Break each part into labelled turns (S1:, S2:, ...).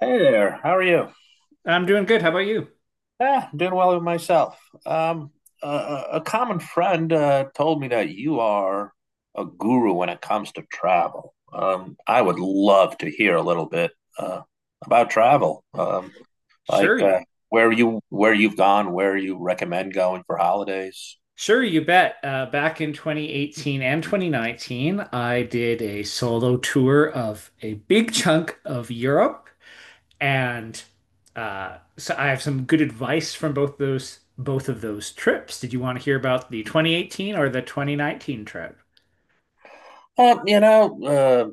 S1: Hey there, how are you?
S2: I'm doing good. How about you?
S1: Yeah, doing well with myself. A common friend told me that you are a guru when it comes to travel. I would love to hear a little bit uh, about travel, like
S2: Sure, you-
S1: where you where you've gone, where you recommend going for holidays.
S2: sure, you bet. Back in 2018 and 2019, I did a solo tour of a big chunk of Europe, and so I have some good advice from both of those trips. Did you want to hear about the 2018 or the 2019 trip?
S1: Well, you know,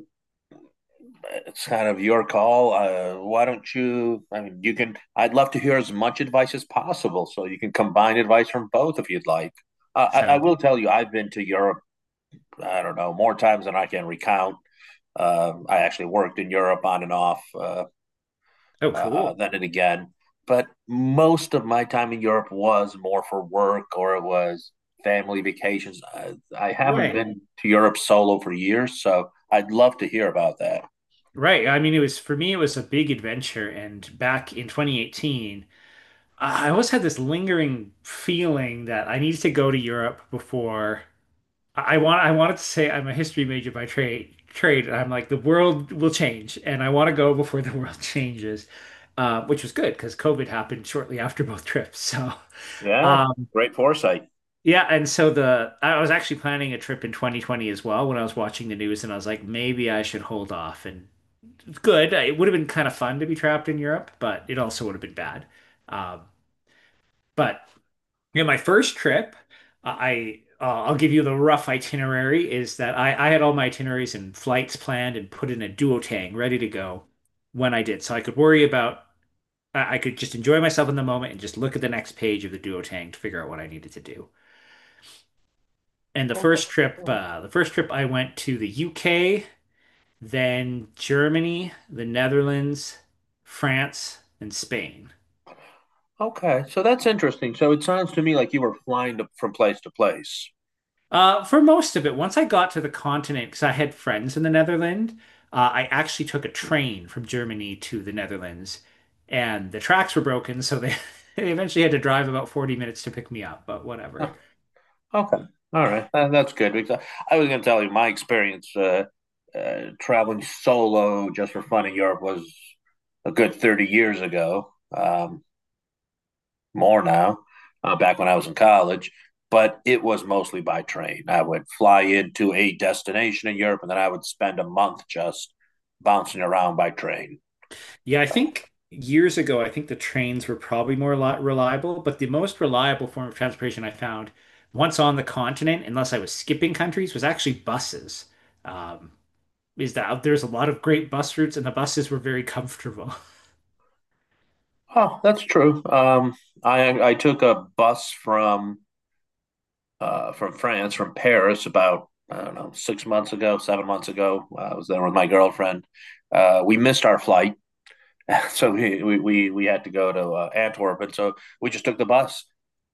S1: it's kind of your call. Why don't you? I mean, you can. I'd love to hear as much advice as possible, so you can combine advice from both if you'd like. I
S2: Sound?
S1: will tell you, I've been to Europe. I don't know more times than I can recount. I actually worked in Europe on and off,
S2: Oh, cool.
S1: then and again. But most of my time in Europe was more for work or it was family vacations. I haven't
S2: Right.
S1: been to Europe solo for years, so I'd love to hear about that.
S2: Right. I mean, it was, for me, it was a big adventure. And back in 2018, I always had this lingering feeling that I needed to go to Europe before I wanted to say I'm a history major by trade, and I'm like, the world will change and I want to go before the world changes, which was good because COVID happened shortly after both trips. So
S1: Yeah,
S2: um,
S1: great foresight.
S2: yeah, and so the I was actually planning a trip in 2020 as well when I was watching the news, and I was like, maybe I should hold off. And it's good. It would have been kind of fun to be trapped in Europe, but it also would have been bad. Um, but Yeah, my first trip, I'll give you the rough itinerary, is that I had all my itineraries and flights planned and put in a duotang ready to go when I did, so I could worry about I could just enjoy myself in the moment and just look at the next page of the duotang to figure out what I needed to do. And the
S1: Okay.
S2: first trip,
S1: Mm.
S2: uh, the first trip I went to the UK, then Germany, the Netherlands, France, and Spain.
S1: Okay. So that's interesting. So it sounds to me like you were flying to, from place to place.
S2: For most of it, once I got to the continent, because I had friends in the Netherlands, I actually took a train from Germany to the Netherlands, and the tracks were broken, so they, they eventually had to drive about 40 minutes to pick me up, but whatever.
S1: Oh, okay. All right. That's good because I was going to tell you my experience traveling solo just for fun in Europe was a good 30 years ago, more now, back when I was in college. But it was mostly by train. I would fly into a destination in Europe and then I would spend a month just bouncing around by train.
S2: Yeah, I think years ago, I think the trains were probably more li reliable, but the most reliable form of transportation I found, once on the continent, unless I was skipping countries, was actually buses. Um, is that There's a lot of great bus routes, and the buses were very comfortable.
S1: Oh, that's true. I took a bus from France, from Paris, about I don't know six months ago, seven months ago. I was there with my girlfriend. We missed our flight. So we had to go to Antwerp, and so we just took the bus.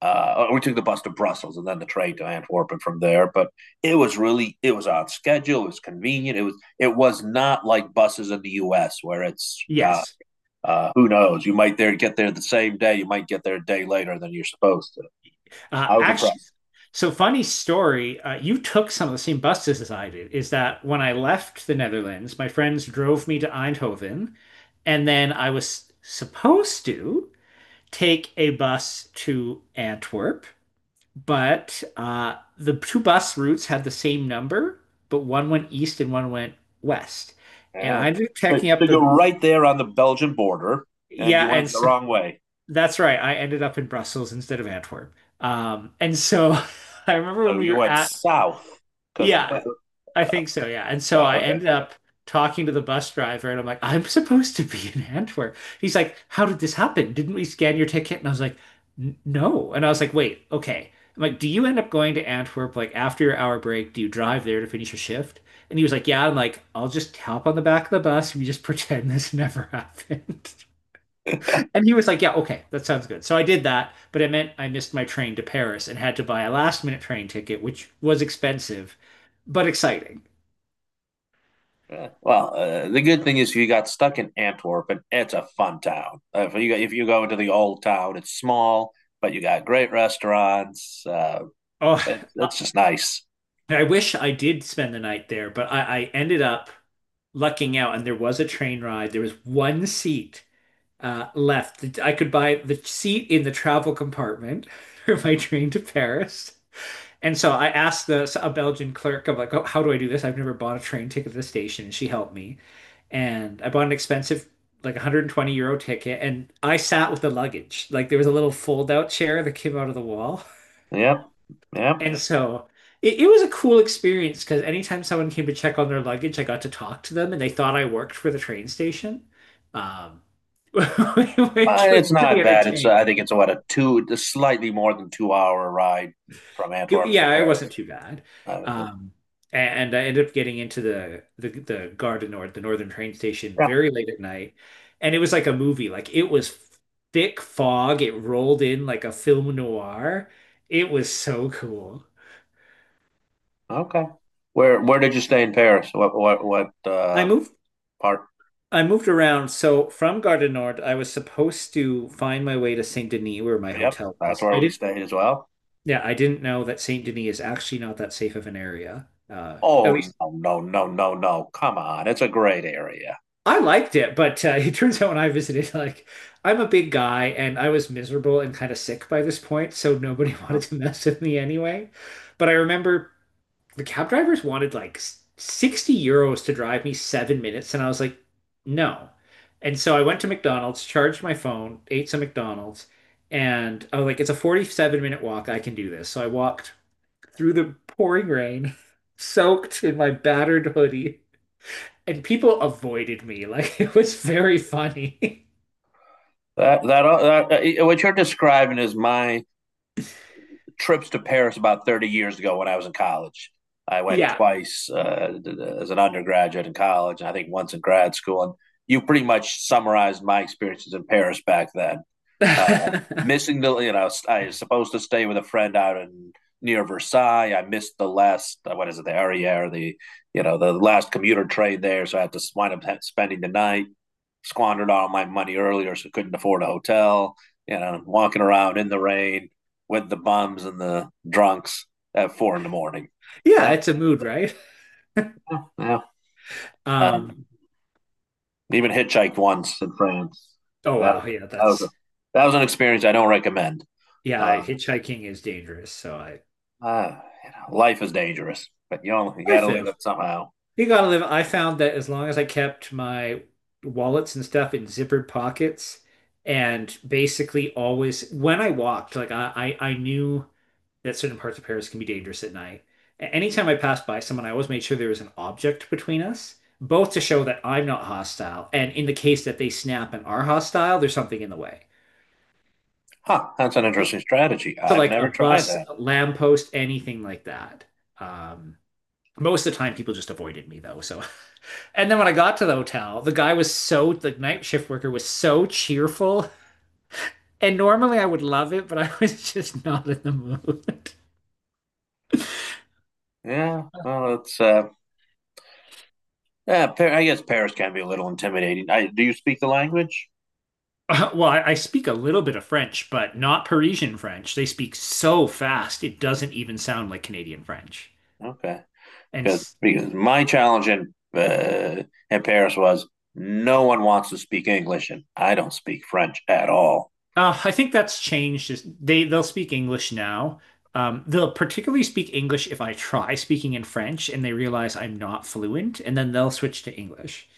S1: We took the bus to Brussels and then the train to Antwerp and from there. But it was really it was on schedule. It was convenient. It was not like buses in the U.S. where it's
S2: Yes.
S1: who knows, you might there get there the same day. You might get there a day later than you're supposed to.
S2: Uh,
S1: I was
S2: actually,
S1: impressed.
S2: so funny story. You took some of the same buses as I did. Is that When I left the Netherlands, my friends drove me to Eindhoven, and then I was supposed to take a bus to Antwerp, but the two bus routes had the same number, but one went east and one went west. And
S1: Yeah.
S2: I ended up
S1: So,
S2: checking
S1: so
S2: up
S1: you're
S2: the
S1: right there on the Belgian border, and
S2: Yeah,
S1: you went
S2: and
S1: the
S2: so,
S1: wrong way.
S2: that's right. I ended up in Brussels instead of Antwerp. And so, I remember when
S1: So
S2: we
S1: you
S2: were
S1: went
S2: at...
S1: south because,
S2: Yeah,
S1: well,
S2: I think so, yeah. And so
S1: yeah,
S2: I
S1: okay.
S2: ended up talking to the bus driver, and I'm like, "I'm supposed to be in Antwerp." He's like, "How did this happen? Didn't we scan your ticket?" And I was like, " No." And I was like, "Wait, okay." I'm like, "Do you end up going to Antwerp, like, after your hour break? Do you drive there to finish your shift?" And he was like, "Yeah." I'm like, "I'll just hop on the back of the bus, and we just pretend this never happened." And he was like, "Yeah, okay, that sounds good." So I did that, but it meant I missed my train to Paris and had to buy a last minute train ticket, which was expensive, but exciting.
S1: Yeah. Well, the good thing is you got stuck in Antwerp, and it's a fun town. If you go into the old town, it's small, but you got great restaurants. Uh,
S2: Oh,
S1: it, it's just nice.
S2: I wish I did spend the night there, but I ended up lucking out, and there was a train ride. There was one seat left. I could buy the seat in the travel compartment for my train to Paris. And so I asked the a Belgian clerk, I'm like, "Oh, how do I do this? I've never bought a train ticket at the station." And she helped me. And I bought an expensive, like, €120 ticket. And I sat with the luggage. Like, there was a little fold out chair that came out of the wall.
S1: Yep, yep.
S2: And so it was a cool experience because anytime someone came to check on their luggage, I got to talk to them and they thought I worked for the train station, um, which was
S1: It's
S2: pretty
S1: not bad. It's I think
S2: entertaining.
S1: it's what a two, a slightly more than two hour ride from
S2: It-
S1: Antwerp to
S2: yeah, it
S1: Paris.
S2: wasn't too bad.
S1: Uh,
S2: Um, and I ended up getting into the Gare du Nord, the northern train station,
S1: yeah.
S2: very late at night, and it was like a movie. Like, it was thick fog. It rolled in like a film noir. It was so cool.
S1: Okay. Where did you stay in Paris? What what what
S2: I
S1: uh,
S2: moved
S1: part?
S2: I moved around. So from Gare du Nord, I was supposed to find my way to Saint Denis, where my
S1: Yep,
S2: hotel
S1: that's
S2: was.
S1: where
S2: I
S1: we
S2: didn't.
S1: stayed as well.
S2: Yeah, I didn't know that Saint Denis is actually not that safe of an area. At
S1: Oh,
S2: least.
S1: no, no, no, no, no! Come on, it's a great area.
S2: I liked it, but it turns out when I visited, like, I'm a big guy and I was miserable and kind of sick by this point, so nobody wanted to mess with me anyway. But I remember the cab drivers wanted like €60 to drive me 7 minutes, and I was like, no. And so I went to McDonald's, charged my phone, ate some McDonald's, and I was like, it's a 47-minute walk. I can do this. So I walked through the pouring rain, soaked in my battered hoodie, and people avoided me. Like, it was very funny.
S1: That what you're describing is my trips to Paris about 30 years ago when I was in college. I went
S2: Yeah.
S1: twice as an undergraduate in college, and I think once in grad school. And you pretty much summarized my experiences in Paris back then. Missing the, you know, I was supposed to stay with a friend out in near Versailles. I missed the last, what is it, the Arriere, the, you know, the last commuter train there. So I had to wind up spending the night, squandered all my money earlier, so couldn't afford a hotel, you know, walking around in the rain with the bums and the drunks at four in the morning.
S2: Yeah,
S1: Yeah.
S2: it's a mood, right?
S1: Yeah.
S2: Um,
S1: Um, even hitchhiked once in France.
S2: oh
S1: That,
S2: wow, yeah,
S1: that was a,
S2: that's...
S1: that was an experience I don't recommend.
S2: yeah,
S1: Uh,
S2: hitchhiking is dangerous, so I...
S1: Uh, you know, life is dangerous, but you only got
S2: life
S1: to live
S2: is.
S1: it somehow.
S2: You gotta live. I found that as long as I kept my wallets and stuff in zippered pockets, and basically always when I walked, like, I knew that certain parts of Paris can be dangerous at night. Anytime I passed by someone, I always made sure there was an object between us, both to show that I'm not hostile, and in the case that they snap and are hostile, there's something in the way.
S1: Huh, that's an interesting strategy.
S2: So
S1: I've
S2: like a
S1: never tried
S2: bus,
S1: that.
S2: a lamppost, anything like that. Um, Most of the time people just avoided me though, so. And then when I got to the hotel, the guy was so, the night shift worker was so cheerful. And normally I would love it, but I was just not in the mood.
S1: Yeah, well, it's yeah. Par- I guess Paris can be a little intimidating. I, do you speak the language?
S2: Well, I speak a little bit of French, but not Parisian French. They speak so fast, it doesn't even sound like Canadian French.
S1: Okay,
S2: And
S1: because my challenge in Paris was no one wants to speak English, and I don't speak French at all.
S2: I think that's changed. They'll speak English now. They'll particularly speak English if I try speaking in French and they realize I'm not fluent, and then they'll switch to English.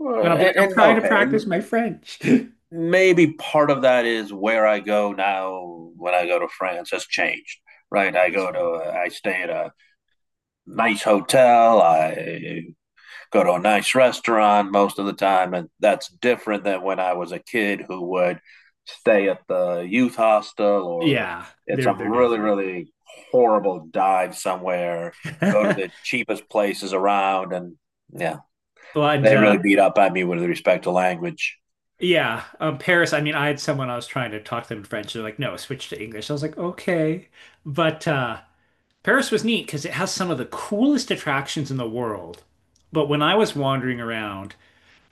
S1: Uh,
S2: And I'll be like,
S1: and,
S2: I'm
S1: and
S2: trying to
S1: okay, and
S2: practice my French.
S1: maybe part of that is where I go now. When I go to France, has changed. Right, I
S2: That's
S1: go
S2: fine.
S1: to I stay at a nice hotel. I go to a nice restaurant most of the time. And that's different than when I was a kid who would stay at the youth hostel or
S2: Yeah,
S1: at
S2: they're
S1: some really,
S2: different.
S1: really horrible dive somewhere, go to the cheapest places around. And yeah,
S2: But
S1: they really beat up on me with respect to language.
S2: yeah, Paris, I mean, I had someone, I was trying to talk to them in French. They're like, no, switch to English. I was like, okay. But Paris was neat because it has some of the coolest attractions in the world. But when I was wandering around,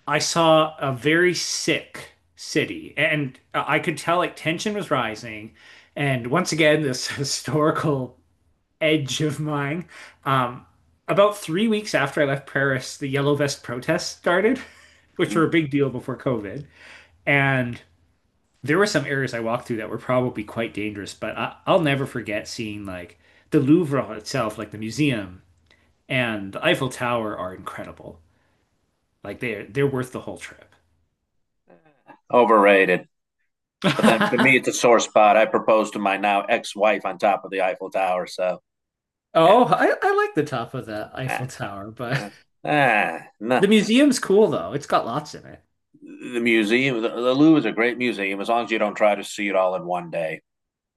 S2: I saw a very sick city, and I could tell like tension was rising. And once again, this historical edge of mine. Um, about 3 weeks after I left Paris, the Yellow Vest protests started, which
S1: Mm.
S2: were a big deal before COVID. And there were some areas I walked through that were probably quite dangerous, but I'll never forget seeing, like, the Louvre itself, like the museum and the Eiffel Tower are incredible. Like, they're worth the whole trip.
S1: Overrated. But then for me, it's a sore spot. I proposed to my now ex wife on top of the Eiffel Tower. So yeah.
S2: Oh, I like the top of the Eiffel
S1: Ah,
S2: Tower, but
S1: yeah. Ah,
S2: the
S1: no.
S2: museum's cool though. It's got lots in it.
S1: The museum, the Louvre is a great museum as long as you don't try to see it all in one day,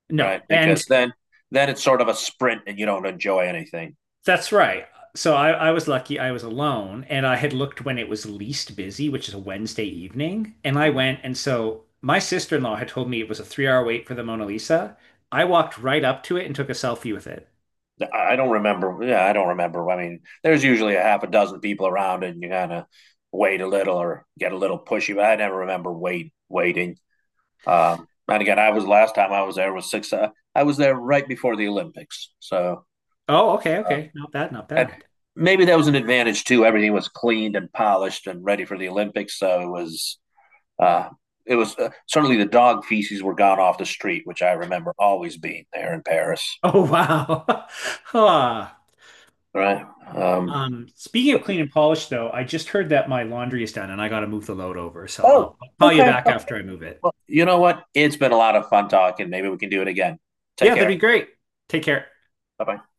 S2: No,
S1: right?
S2: and
S1: Because then it's sort of a sprint and you don't enjoy anything.
S2: that's right. So, I was lucky I was alone and I had looked when it was least busy, which is a Wednesday evening. And
S1: I
S2: I went, and so my sister-in-law had told me it was a three-hour wait for the Mona Lisa. I walked right up to it and took a selfie with it.
S1: don't remember. Yeah, I don't remember. I mean, there's usually a half a dozen people around, and you kind of wait a little or get a little pushy. But I never remember waiting. And again, I was last time I was there was six. I was there right before the Olympics, so
S2: Oh, okay,
S1: uh,
S2: okay. Not bad, not
S1: and
S2: bad.
S1: maybe that was an advantage too. Everything was cleaned and polished and ready for the Olympics, so it was uh, certainly the dog feces were gone off the street, which I remember always being there in Paris.
S2: Oh, wow. Huh.
S1: Right.
S2: Speaking of clean and polish, though, I just heard that my laundry is done and I got to move the load over. So
S1: Oh,
S2: I'll call you
S1: okay.
S2: back after I move it.
S1: Well, you know what? It's been a lot of fun talking. Maybe we can do it again. Take
S2: Yeah, that'd
S1: care.
S2: be great. Take care.
S1: Bye bye.